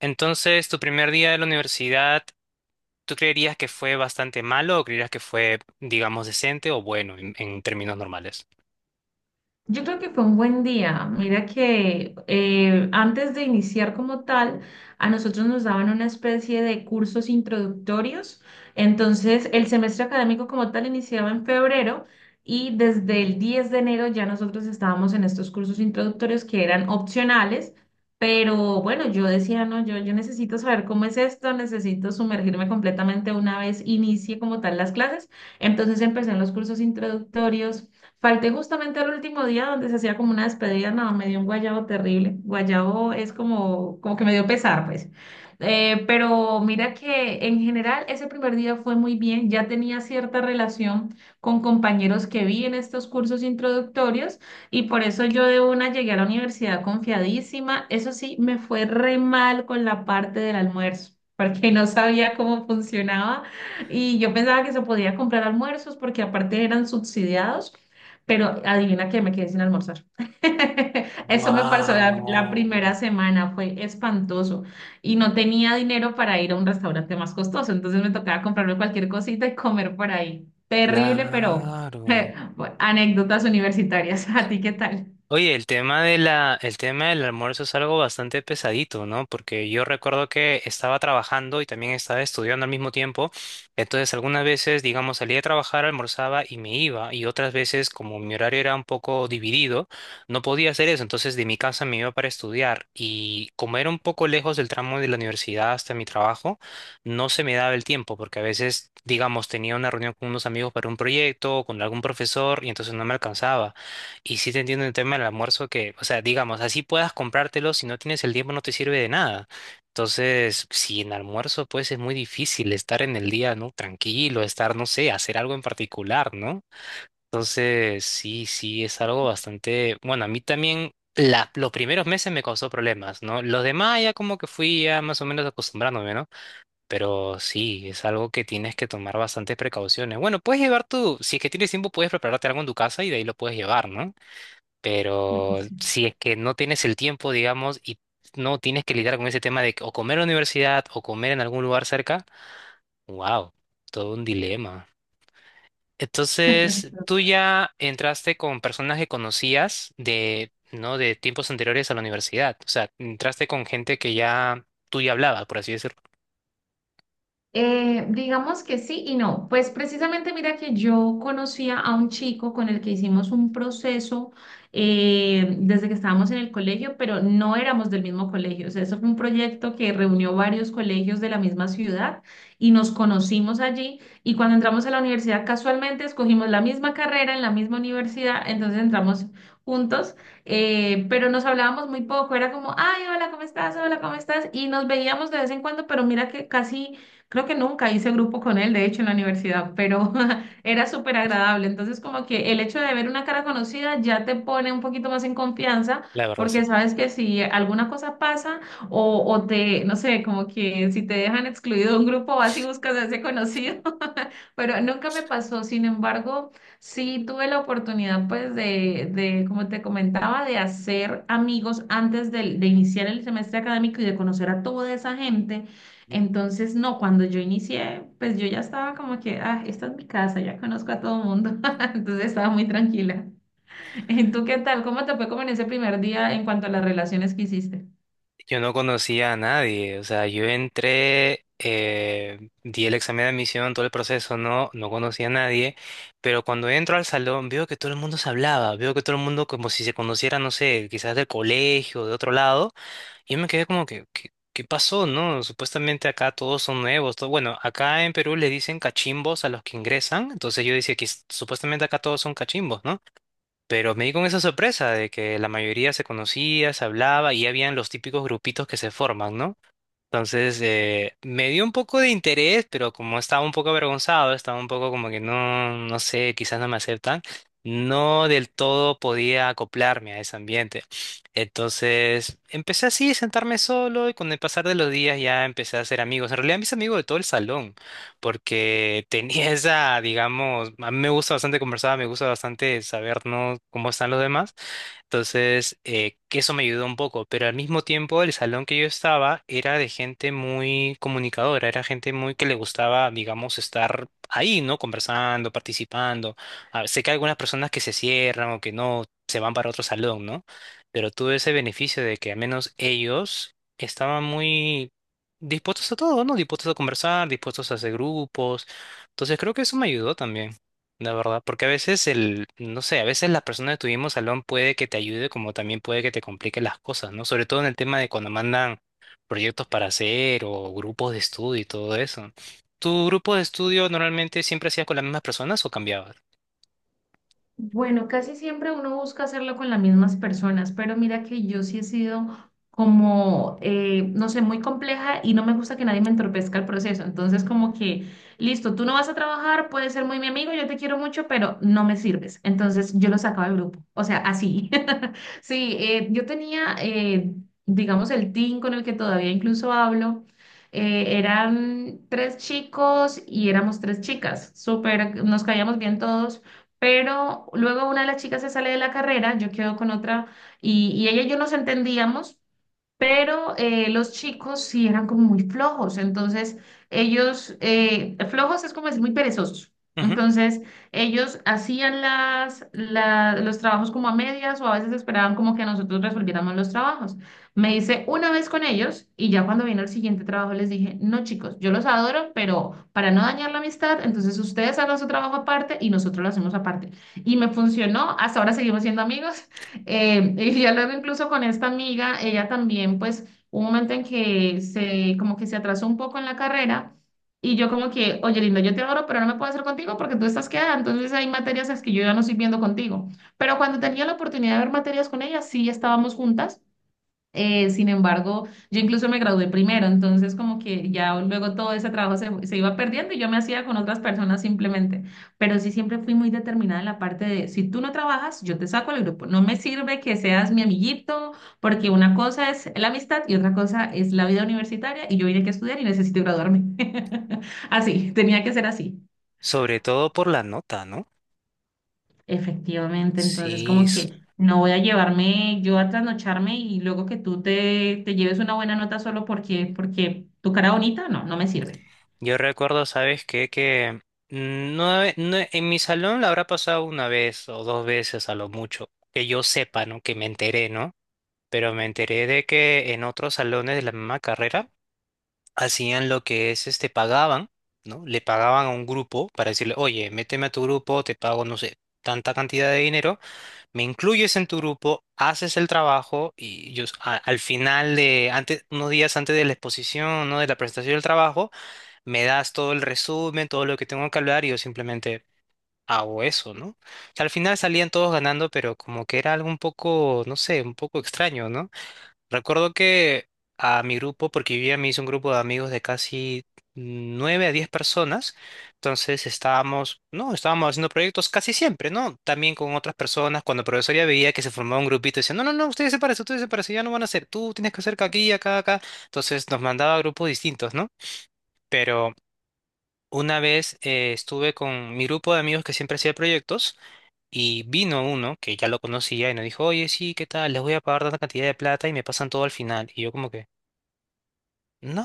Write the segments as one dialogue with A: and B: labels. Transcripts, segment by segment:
A: Entonces, tu primer día de la universidad, ¿tú creerías que fue bastante malo o creerías que fue, digamos, decente o bueno en, términos normales?
B: Yo creo que fue un buen día. Mira que antes de iniciar como tal, a nosotros nos daban una especie de cursos introductorios. Entonces, el semestre académico como tal iniciaba en febrero y desde el 10 de enero ya nosotros estábamos en estos cursos introductorios que eran opcionales. Pero bueno, yo decía, no, yo necesito saber cómo es esto, necesito sumergirme completamente una vez inicie como tal las clases. Entonces empecé en los cursos introductorios. Falté justamente al último día donde se hacía como una despedida, no, me dio un guayabo terrible. Guayabo es como que me dio pesar, pues. Pero mira que en general ese primer día fue muy bien, ya tenía cierta relación con compañeros que vi en estos cursos introductorios y por eso yo de una llegué a la universidad confiadísima. Eso sí, me fue re mal con la parte del almuerzo, porque no sabía cómo funcionaba y yo pensaba que se podía comprar almuerzos porque aparte eran subsidiados. Pero adivina que me quedé sin almorzar. Eso me pasó la primera
A: Wow,
B: semana, fue espantoso. Y no tenía dinero para ir a un restaurante más costoso, entonces me tocaba comprarme cualquier cosita y comer por ahí. Terrible, pero
A: claro.
B: bueno, anécdotas universitarias. ¿A ti qué tal?
A: Oye, el tema de el tema del almuerzo es algo bastante pesadito, ¿no? Porque yo recuerdo que estaba trabajando y también estaba estudiando al mismo tiempo. Entonces, algunas veces, digamos, salía a trabajar, almorzaba y me iba. Y otras veces, como mi horario era un poco dividido, no podía hacer eso. Entonces, de mi casa me iba para estudiar. Y como era un poco lejos del tramo de la universidad hasta mi trabajo, no se me daba el tiempo, porque a veces, digamos, tenía una reunión con unos amigos para un proyecto o con algún profesor y entonces no me alcanzaba. Y sí te entiendo en el tema del almuerzo que, o sea, digamos, así puedas comprártelo, si no tienes el tiempo no te sirve de nada. Entonces, si en almuerzo, pues es muy difícil estar en el día, ¿no? Tranquilo, estar, no sé, hacer algo en particular, ¿no? Entonces, sí, sí, es algo bastante, bueno, a mí también los primeros meses me causó problemas, ¿no? Los demás ya como que fui ya más o menos acostumbrándome, ¿no? Pero sí, es algo que tienes que tomar bastantes precauciones. Bueno, puedes llevar tú, si es que tienes tiempo, puedes prepararte algo en tu casa y de ahí lo puedes llevar, ¿no? Pero si es que no tienes el tiempo, digamos, y no tienes que lidiar con ese tema de que o comer en la universidad o comer en algún lugar cerca, wow, todo un dilema.
B: Sí.
A: Entonces, tú ya entraste con personas que conocías de, ¿no? De tiempos anteriores a la universidad. O sea, entraste con gente que ya tú hablabas, por así decirlo.
B: Digamos que sí y no. Pues precisamente mira que yo conocía a un chico con el que hicimos un proceso desde que estábamos en el colegio, pero no éramos del mismo colegio. O sea, eso fue un proyecto que reunió varios colegios de la misma ciudad y nos conocimos allí. Y cuando entramos a la universidad, casualmente escogimos la misma carrera en la misma universidad, entonces entramos juntos, pero nos hablábamos muy poco. Era como, ay, hola, ¿cómo estás? Hola, ¿cómo estás? Y nos veíamos de vez en cuando, pero mira que casi creo que nunca hice grupo con él, de hecho, en la universidad, pero era súper agradable. Entonces, como que el hecho de ver una cara conocida ya te pone un poquito más en confianza,
A: La verdad, sí.
B: porque sabes que si alguna cosa pasa o te, no sé, como que si te dejan excluido de un grupo, vas y buscas a ese conocido, pero nunca me pasó. Sin embargo, sí tuve la oportunidad, pues, de, como te comentaba, de hacer amigos de iniciar el semestre académico y de conocer a toda esa gente. Entonces, no, cuando yo inicié, pues yo ya estaba como que, ah, esta es mi casa, ya conozco a todo el mundo. Entonces estaba muy tranquila. ¿Y tú qué tal? ¿Cómo te fue como en ese primer día en cuanto a las relaciones que hiciste?
A: Yo no conocía a nadie, o sea, yo entré, di el examen de admisión, todo el proceso, no, no conocía a nadie, pero cuando entro al salón veo que todo el mundo se hablaba, veo que todo el mundo como si se conociera, no sé, quizás del colegio, de otro lado, y yo me quedé como que, ¿qué, qué pasó, no? Supuestamente acá todos son nuevos, todo, bueno, acá en Perú le dicen cachimbos a los que ingresan, entonces yo decía que supuestamente acá todos son cachimbos, ¿no? Pero me di con esa sorpresa de que la mayoría se conocía, se hablaba y habían los típicos grupitos que se forman, ¿no? Entonces, me dio un poco de interés, pero como estaba un poco avergonzado, estaba un poco como que no, no sé, quizás no me aceptan, no del todo podía acoplarme a ese ambiente. Entonces, empecé así, sentarme solo y con el pasar de los días ya empecé a hacer amigos. En realidad, mis amigos de todo el salón, porque tenía esa, digamos, a mí me gusta bastante conversar, me gusta bastante saber, ¿no? cómo están los demás. Entonces, que eso me ayudó un poco, pero al mismo tiempo el salón que yo estaba era de gente muy comunicadora, era gente muy que le gustaba, digamos, estar ahí, ¿no? Conversando, participando. Sé que hay algunas personas que se cierran o que no se van para otro salón, ¿no? Pero tuve ese beneficio de que al menos ellos estaban muy dispuestos a todo, ¿no? Dispuestos a conversar, dispuestos a hacer grupos. Entonces, creo que eso me ayudó también. La verdad, porque a veces el, no sé, a veces la persona de tu mismo salón puede que te ayude, como también puede que te complique las cosas, ¿no? Sobre todo en el tema de cuando mandan proyectos para hacer o grupos de estudio y todo eso. ¿Tu grupo de estudio normalmente siempre hacías con las mismas personas o cambiabas?
B: Bueno, casi siempre uno busca hacerlo con las mismas personas, pero mira que yo sí he sido como, no sé, muy compleja y no me gusta que nadie me entorpezca el proceso. Entonces, como que, listo, tú no vas a trabajar, puedes ser muy mi amigo, yo te quiero mucho, pero no me sirves. Entonces, yo lo sacaba del grupo. O sea, así. Sí, yo tenía, digamos, el team con el que todavía incluso hablo. Eran tres chicos y éramos tres chicas. Súper, nos caíamos bien todos, pero luego una de las chicas se sale de la carrera, yo quedo con otra y ella y yo nos entendíamos, pero los chicos sí eran como muy flojos, entonces ellos, flojos es como decir muy perezosos,
A: Ujú.
B: entonces ellos hacían los trabajos como a medias o a veces esperaban como que nosotros resolviéramos los trabajos. Me hice una vez con ellos y ya cuando vino el siguiente trabajo les dije, no chicos, yo los adoro, pero para no dañar la amistad, entonces ustedes hagan su trabajo aparte y nosotros lo hacemos aparte. Y me funcionó, hasta ahora seguimos siendo amigos. Y ya luego incluso con esta amiga, ella también, pues, hubo un momento en que se, como que se atrasó un poco en la carrera y yo como que, oye, lindo, yo te adoro, pero no me puedo hacer contigo porque tú estás quedada, entonces hay materias las que yo ya no estoy viendo contigo. Pero cuando tenía la oportunidad de ver materias con ella, sí estábamos juntas. Sin embargo, yo incluso me gradué primero, entonces como que ya luego todo ese trabajo se iba perdiendo y yo me hacía con otras personas simplemente. Pero sí siempre fui muy determinada en la parte de, si tú no trabajas, yo te saco del grupo. No me sirve que seas mi amiguito, porque una cosa es la amistad y otra cosa es la vida universitaria y yo vine aquí a estudiar y necesito graduarme. Así, tenía que ser así.
A: Sobre todo por la nota, ¿no?
B: Efectivamente, entonces
A: Sí,
B: como que no voy a llevarme yo a trasnocharme y luego que tú te lleves una buena nota solo porque, porque tu cara bonita, no, no me sirve.
A: yo recuerdo, ¿sabes qué? Que mm, no, en mi salón la habrá pasado una vez o dos veces a lo mucho, que yo sepa, ¿no? Que me enteré, ¿no? pero me enteré de que en otros salones de la misma carrera hacían lo que es, este, pagaban, ¿no? Le pagaban a un grupo para decirle, oye, méteme a tu grupo, te pago, no sé, tanta cantidad de dinero, me incluyes en tu grupo, haces el trabajo y yo al final de, antes, unos días antes de la exposición, ¿no? De la presentación del trabajo, me das todo el resumen, todo lo que tengo que hablar y yo simplemente hago eso, ¿no? O sea, al final salían todos ganando, pero como que era algo un poco, no sé, un poco extraño, ¿no? Recuerdo que a mi grupo, porque vivía, me hice un grupo de amigos de casi nueve a diez personas, entonces estábamos, no, estábamos haciendo proyectos casi siempre, ¿no? También con otras personas, cuando la profesora veía que se formaba un grupito, decía, no, no, no, ustedes se parecen, ya no van a hacer, tú tienes que hacer aquí, acá, acá, entonces nos mandaba a grupos distintos, ¿no? Pero una vez estuve con mi grupo de amigos que siempre hacía proyectos. Y vino uno que ya lo conocía y nos dijo, oye, sí, ¿qué tal? Les voy a pagar tanta cantidad de plata y me pasan todo al final. Y yo como que,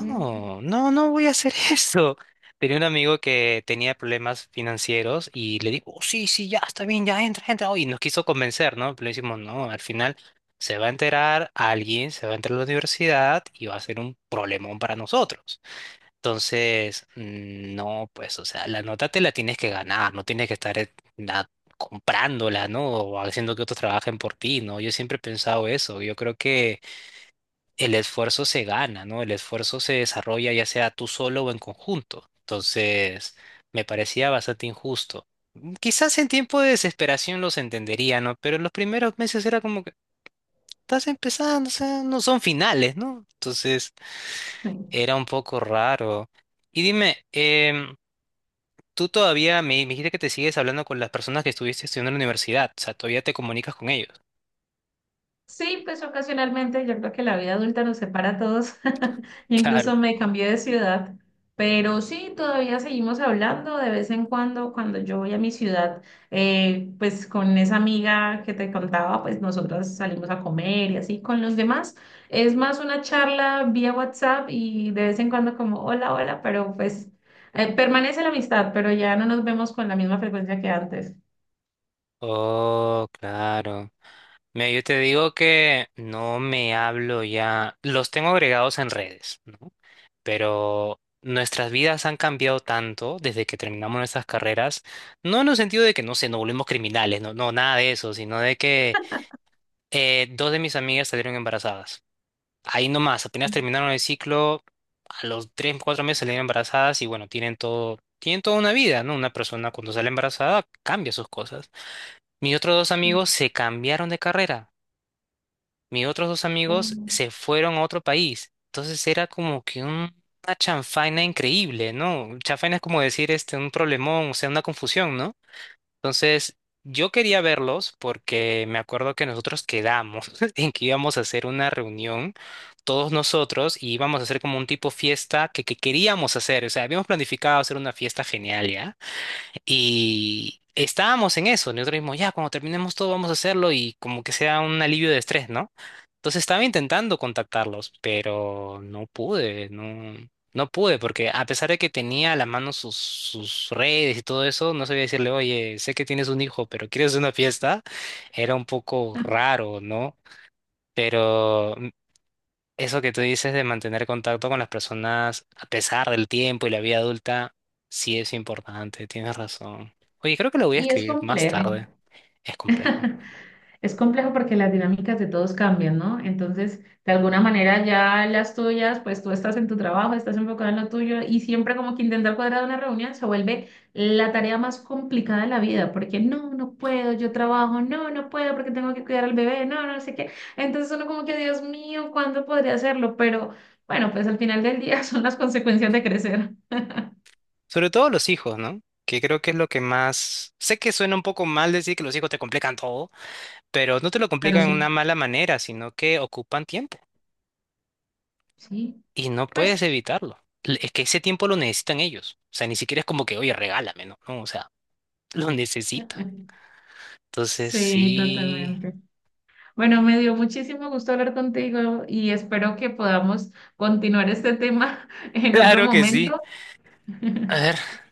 B: Mm,
A: no, no voy a hacer eso. Tenía un amigo que tenía problemas financieros y le digo, "Oh, sí, sí, ya está bien, ya entra, entra. Oh, Y nos quiso convencer, ¿no? Pero le decimos, no, al final se va a enterar alguien, se va a enterar la universidad y va a ser un problemón para nosotros. Entonces, mm, no, pues, o sea, la nota te la tienes que ganar, no tienes que estar comprándola, ¿no? O haciendo que otros trabajen por ti, ¿no? Yo siempre he pensado eso. Yo creo que el esfuerzo se gana, ¿no? El esfuerzo se desarrolla ya sea tú solo o en conjunto. Entonces, me parecía bastante injusto. Quizás en tiempo de desesperación los entendería, ¿no? Pero en los primeros meses era como que estás empezando, o sea, no son finales, ¿no? Entonces,
B: sí.
A: era un poco raro. Y dime, tú todavía me dijiste que te sigues hablando con las personas que estuviste estudiando en la universidad, o sea, todavía te comunicas con ellos.
B: Sí, pues ocasionalmente yo creo que la vida adulta nos separa a todos. Yo
A: Claro.
B: incluso me cambié de ciudad, pero sí, todavía seguimos hablando de vez en cuando cuando yo voy a mi ciudad, pues con esa amiga que te contaba, pues nosotras salimos a comer y así con los demás. Es más una charla vía WhatsApp y de vez en cuando como hola, hola, pero pues permanece la amistad, pero ya no nos vemos con la misma frecuencia que antes.
A: Oh, claro. Mira, yo te digo que no me hablo ya, los tengo agregados en redes, ¿no? Pero nuestras vidas han cambiado tanto desde que terminamos nuestras carreras, no en el sentido de que, no sé, nos volvimos criminales, no, no, nada de eso, sino de que dos de mis amigas salieron embarazadas. Ahí nomás, apenas terminaron el ciclo, a los 3, 4 meses salieron embarazadas y bueno, tienen todo, tienen toda una vida, ¿no? Una persona cuando sale embarazada cambia sus cosas. Mis otros dos amigos se cambiaron de carrera mis otros dos amigos
B: Ujú.
A: se fueron a otro país. Entonces era como que una chanfaina increíble, ¿no? Chanfaina es como decir este, un problemón, o sea, una confusión, ¿no? Entonces yo quería verlos porque me acuerdo que nosotros quedamos en que íbamos a hacer una reunión, todos nosotros, y íbamos a hacer como un tipo fiesta que queríamos hacer. O sea, habíamos planificado hacer una fiesta genial, ¿ya? Y estábamos en eso, nosotros dijimos, ya, cuando terminemos todo vamos a hacerlo y como que sea un alivio de estrés, ¿no? Entonces estaba intentando contactarlos, pero no pude, no, porque a pesar de que tenía a la mano sus redes y todo eso, no sabía decirle, oye, sé que tienes un hijo, pero ¿quieres una fiesta? Era un poco raro, ¿no? Pero eso que tú dices de mantener contacto con las personas a pesar del tiempo y la vida adulta, sí es importante, tienes razón. Oye, creo que lo voy a
B: Y es
A: escribir más
B: complejo.
A: tarde. Es complejo.
B: Es complejo porque las dinámicas de todos cambian, ¿no? Entonces, de alguna manera ya las tuyas, pues tú estás en tu trabajo, estás enfocado en lo tuyo y siempre como que intentar cuadrar una reunión se vuelve la tarea más complicada de la vida, porque no, no puedo, yo trabajo, no, no puedo porque tengo que cuidar al bebé, no, no sé qué. Entonces uno como que, Dios mío, ¿cuándo podría hacerlo? Pero bueno, pues al final del día son las consecuencias de crecer.
A: Sobre todo los hijos, ¿no? Que creo que es lo que más... Sé que suena un poco mal decir que los hijos te complican todo, pero no te lo
B: Pero
A: complican en
B: sí,
A: una mala manera, sino que ocupan tiempo
B: sí,
A: y no puedes
B: pues
A: evitarlo. L- Es que ese tiempo lo necesitan ellos. O sea, ni siquiera es como que, oye, regálame, ¿no? No, o sea, lo necesitan. Entonces,
B: sí,
A: sí.
B: totalmente. Bueno, me dio muchísimo gusto hablar contigo y espero que podamos continuar este tema en otro
A: Claro que sí.
B: momento.
A: A ver,